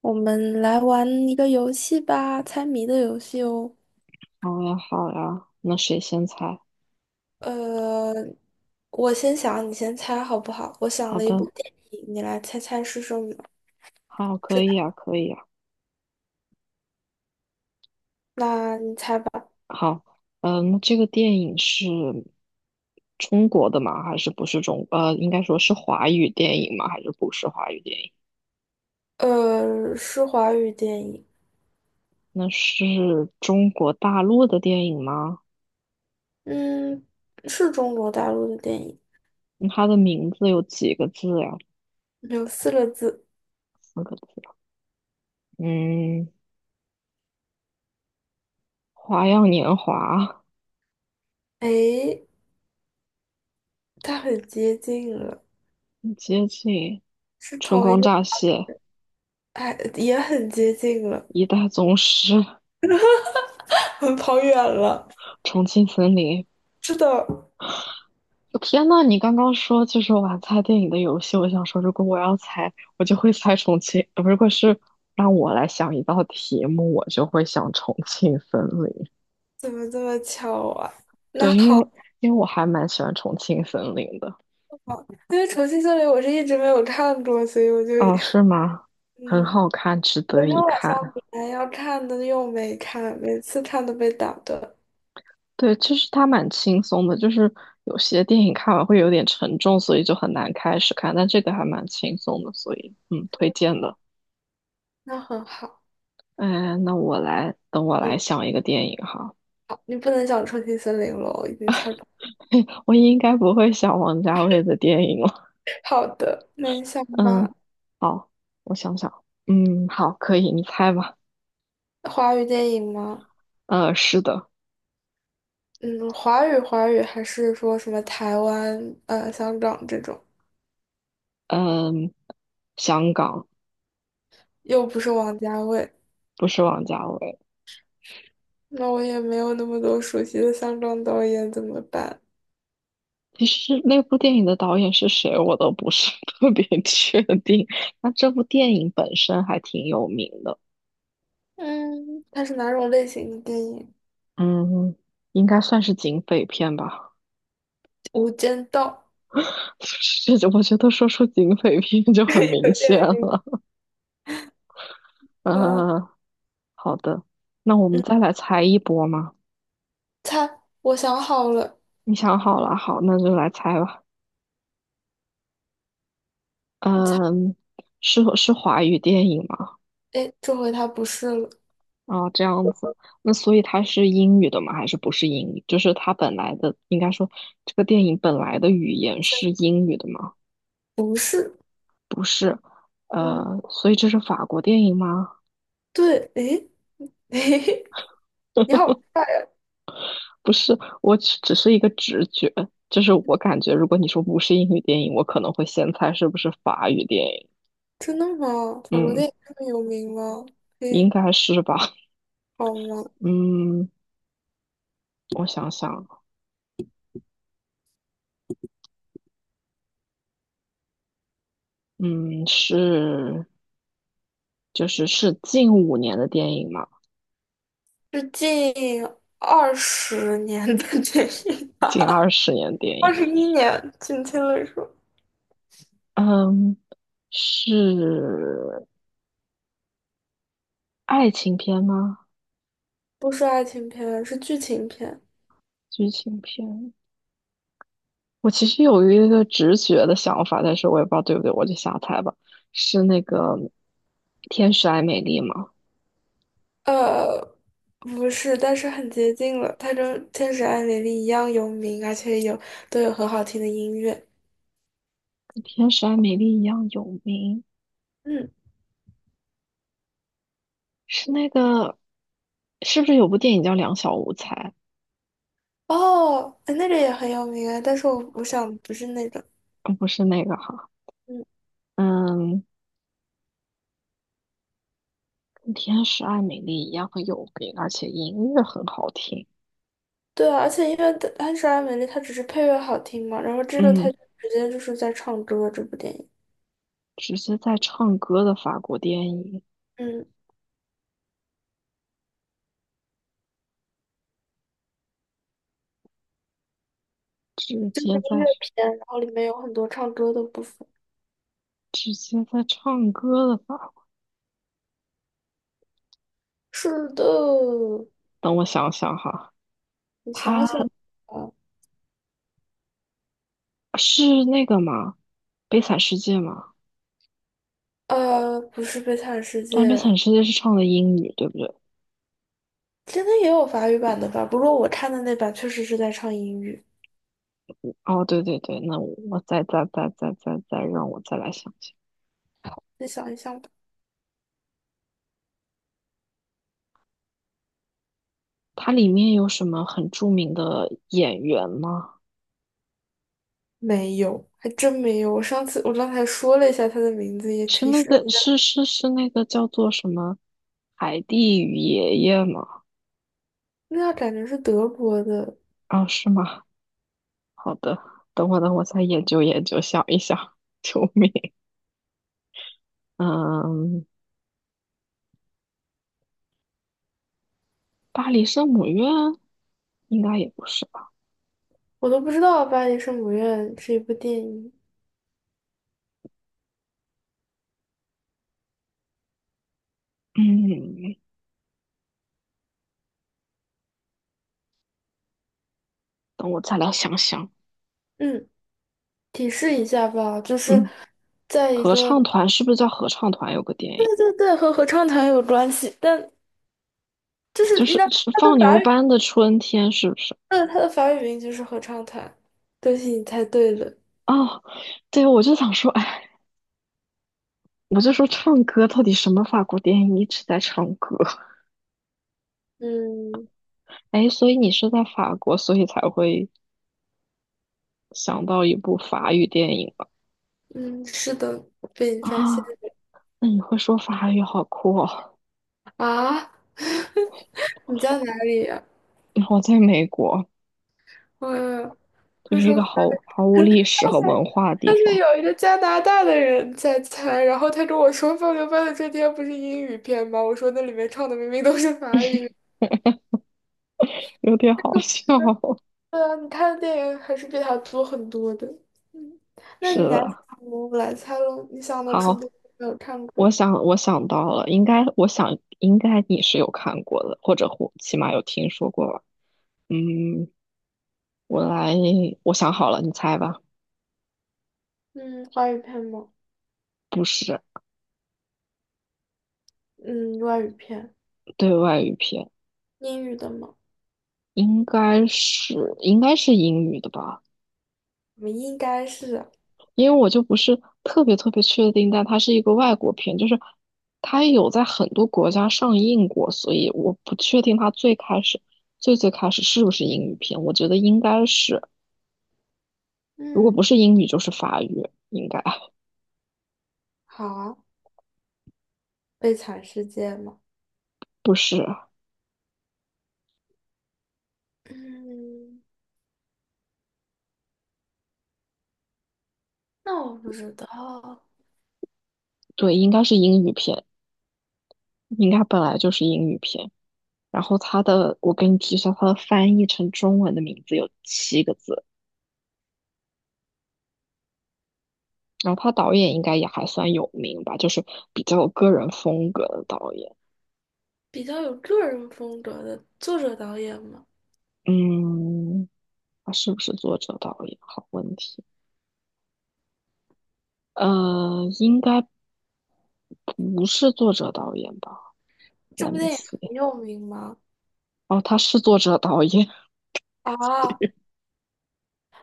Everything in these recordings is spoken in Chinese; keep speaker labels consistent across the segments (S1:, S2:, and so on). S1: 我们来玩一个游戏吧，猜谜的游戏哦。
S2: 好呀，好呀，那谁先猜？
S1: 呃，我先想，你先猜好不好？我想
S2: 好
S1: 了一部
S2: 的，
S1: 电影，你来猜猜是什么？
S2: 好，可以啊，可以啊。
S1: 那你猜吧。
S2: 好，那这个电影是中国的吗？还是不是中？应该说是华语电影吗？还是不是华语电影？
S1: 是华语电影，
S2: 那是中国大陆的电影吗？
S1: 嗯，是中国大陆的电影，
S2: 那它的名字有几个字呀？
S1: 有4个字。
S2: 四个字啊。嗯，《花样年华》
S1: 诶，它很接近了，
S2: 接近
S1: 是
S2: 《春
S1: 同一
S2: 光
S1: 个，
S2: 乍泄》
S1: 哎，也很接近了，
S2: 《一代宗师》
S1: 跑远了。
S2: 《重庆森林》
S1: 是的，
S2: 天呐，你刚刚说就是玩猜电影的游戏，我想说，如果我要猜，我就会猜重庆。如果是让我来想一道题目，我就会想重庆森林。
S1: 怎么这么巧啊？那
S2: 对，因为
S1: 好。
S2: 我还蛮喜欢重庆森林的。
S1: 哦，因为《重庆森林》我是一直没有看过，所以我就
S2: 哦，是吗？很
S1: 嗯，
S2: 好看，值得
S1: 昨天
S2: 一
S1: 晚上
S2: 看。
S1: 本来要看的又没看，每次看都被打断，
S2: 对，就是它蛮轻松的，就是有些电影看完会有点沉重，所以就很难开始看。但这个还蛮轻松的，所以推荐的。
S1: 那很好。
S2: 嗯，那我来，等我来
S1: 嗯，
S2: 想一个电影哈。
S1: 好，你不能讲《重庆森林》了，我已经猜到。
S2: 我应该不会想王家卫的电影了。
S1: 好的，那你想吧，
S2: 嗯，好，我想想。嗯，好，可以，你猜吧。
S1: 华语电影吗？
S2: 是的，
S1: 嗯，华语还是说什么台湾、香港这种，
S2: 嗯，香港
S1: 又不是王家卫，
S2: 不是王家卫。
S1: 那我也没有那么多熟悉的香港导演，怎么办？
S2: 其实那部电影的导演是谁，我都不是 特别确定。那这部电影本身还挺有名的，
S1: 嗯，它是哪种类型的电影？
S2: 嗯，应该算是警匪片吧。
S1: 《无间道》。
S2: 是，我觉得说出警匪片就 很明
S1: 有
S2: 显了。
S1: 点吗？
S2: 嗯，好的，那我们
S1: 嗯，
S2: 再来猜一波吗？
S1: 他，我想好了，
S2: 你想好了，好，那就来猜吧。
S1: 他，
S2: 嗯，是华语电影吗？
S1: 哎，这回他不是了，
S2: 啊，这样子。那所以它是英语的吗？还是不是英语？就是它本来的，应该说这个电影本来的语言是英语的吗？
S1: 是不是，
S2: 不是。
S1: 嗯，
S2: 所以这是法国电影吗？
S1: 对，哎，嘿你好帅呀！
S2: 不是，我只是一个直觉，就是我感觉，如果你说不是英语电影，我可能会先猜是不是法语电影。
S1: 真的吗？假如
S2: 嗯，
S1: 电影这么有名吗？
S2: 应
S1: 嘿，
S2: 该是吧。
S1: 好吗？
S2: 嗯，我想想，嗯，是。就是是近五年的电影嘛，
S1: 是近20年的电影
S2: 近
S1: 吧？
S2: 二十年的电
S1: 二
S2: 影。
S1: 十一年，准确的说，
S2: 嗯，是爱情片吗？
S1: 不是爱情片，是剧情片。
S2: 剧情片？我其实有一个直觉的想法，但是我也不知道对不对，我就瞎猜吧。是那个《天使爱美丽》吗？
S1: 呃，不是，但是很接近了。它跟《天使爱美丽》一样有名，而且都有很好听的音乐。
S2: 跟《天使爱美丽》一样有名？
S1: 嗯，
S2: 是那个？是不是有部电影叫《两小无猜》？
S1: 哦，哎那个也很有名啊，但是我想不是那个。
S2: 不是那个哈。
S1: 嗯，
S2: 嗯，跟《天使爱美丽》一样很有名，而且音乐很好听。
S1: 对啊，而且因为《天使爱美丽》它只是配乐好听嘛，然后这个它
S2: 嗯，
S1: 直接就是在唱歌这部电影。
S2: 直接在唱歌的法国电影，
S1: 嗯，
S2: 直
S1: 是
S2: 接在
S1: 音乐片，然后里面有很多唱歌的部分。
S2: 直接在唱歌的法国。
S1: 是的，
S2: 等我想想哈，
S1: 你想
S2: 他
S1: 想啊，
S2: 是那个吗？《悲惨世界》吗？
S1: 不是《悲惨世
S2: 但
S1: 界》，
S2: 《悲惨世界》是唱的英语，对不对？
S1: 现在也有法语版的吧？不过我看的那版确实是在唱英语。
S2: 哦，对对对，那我再让我再来想想，
S1: 再想一想吧，
S2: 它里面有什么很著名的演员吗？
S1: 没有，还真没有。我上次我刚才说了一下它的名字，也
S2: 是
S1: 提
S2: 那
S1: 示了，
S2: 个是是是那个叫做什么海蒂与爷爷吗？
S1: 那感觉是德国的，
S2: 啊，是吗？好的，等我等我再研究研究，想一想，救命！嗯，巴黎圣母院应该也不是吧？
S1: 我都不知道《巴黎圣母院》是一部电影。
S2: 嗯，等我再来想想。
S1: 嗯，提示一下吧，就是
S2: 嗯，
S1: 在一
S2: 合
S1: 个，
S2: 唱团是不是叫合唱团？有个电
S1: 对
S2: 影
S1: 对对，和合唱团有关系，但就是
S2: 就
S1: 应
S2: 是
S1: 该
S2: 是
S1: 它的
S2: 放牛
S1: 法语，
S2: 班的春天，是不是？
S1: 嗯，它的法语名就是合唱团。恭喜你猜对了，
S2: 哦，对，我就想说，哎，我就说唱歌到底什么法国电影一直在唱歌？
S1: 嗯
S2: 哎，所以你是在法国，所以才会想到一部法语电影吧？
S1: 嗯，是的，被你发现
S2: 啊，
S1: 了。
S2: 那你会说法语，好酷哦！
S1: 啊，你在哪里呀？
S2: 我在美国，
S1: 我
S2: 就
S1: 我
S2: 是一个
S1: 说
S2: 毫无历史和文化的地
S1: 上次
S2: 方，
S1: 有一个加拿大的人在猜，然后他跟我说《放牛班的春天》不是英语片吗？我说那里面唱的明明都是法语。
S2: 有点好笑。
S1: 对啊，你看的电影还是比他多很多的。嗯，那
S2: 是
S1: 你拿《小
S2: 的，
S1: 蘑菇》来猜喽，你想的说不
S2: 好，
S1: 定没有看
S2: 我
S1: 过。
S2: 想我想到了，应该我想应该你是有看过的，或者起码有听说过吧。嗯，我来，我想好了，你猜吧。
S1: 嗯，华语片吗？
S2: 不是
S1: 嗯，外语片，
S2: 对外语片，
S1: 英语的吗？
S2: 应该是英语的吧。
S1: 我们应该是。
S2: 因为我就不是特别确定，但它是一个外国片，就是它有在很多国家上映过，所以我不确定它最开始最开始是不是英语片，我觉得应该是，如果不
S1: 嗯，
S2: 是英语就是法语，应该
S1: 好啊，悲惨世界吗？
S2: 不是，
S1: 嗯，那我不知道。
S2: 对，应该是英语片，应该本来就是英语片。然后它的，我给你提一下，它的翻译成中文的名字有七个字，然后他导演应该也还算有名吧，就是比较有个人风格的导演，
S1: 比较有个人风格的作者导演吗？
S2: 嗯。他是不是作者导演？好问题。应该不是作者导演吧
S1: 这
S2: ？Let
S1: 部
S2: me
S1: 电影很
S2: see。
S1: 有名吗？
S2: 哦，他是作者导演。
S1: 啊，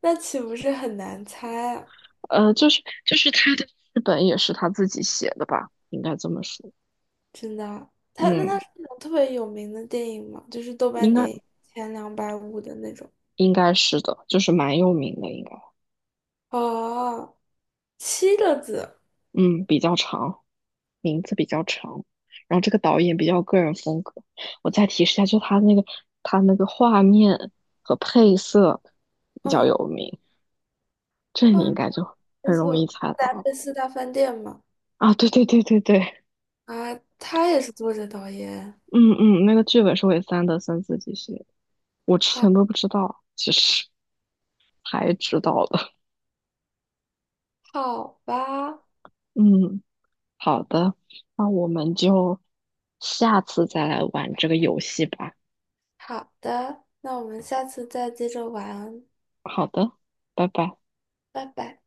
S1: 那岂不是很难猜啊？
S2: 就是他的剧本也是他自己写的吧？应该这么说。
S1: 真的啊他
S2: 嗯，
S1: 是那种特别有名的电影吗？就是豆瓣
S2: 应该
S1: 电影前250的那种。
S2: 应该是的，就是蛮有名的，应该。
S1: 哦，7个字，
S2: 嗯，比较长，名字比较长。然后这个导演比较个人风格。我再提示一下，就他那个画面和配色比较
S1: 嗯，
S2: 有名，这
S1: 花
S2: 你
S1: 花
S2: 应该就
S1: 黑
S2: 很容易
S1: 色
S2: 猜到
S1: 达
S2: 了。
S1: 菲斯大饭店嘛。
S2: 啊，对对对对对，
S1: 啊，他也是作者导演。
S2: 嗯嗯，那个剧本是韦三安德森自己写的，我之
S1: 好，
S2: 前都不知道，其实还知道的。
S1: 好吧，
S2: 嗯，好的，那我们就下次再来玩这个游戏吧。
S1: 好的，那我们下次再接着玩，
S2: 好的，拜拜。
S1: 拜拜。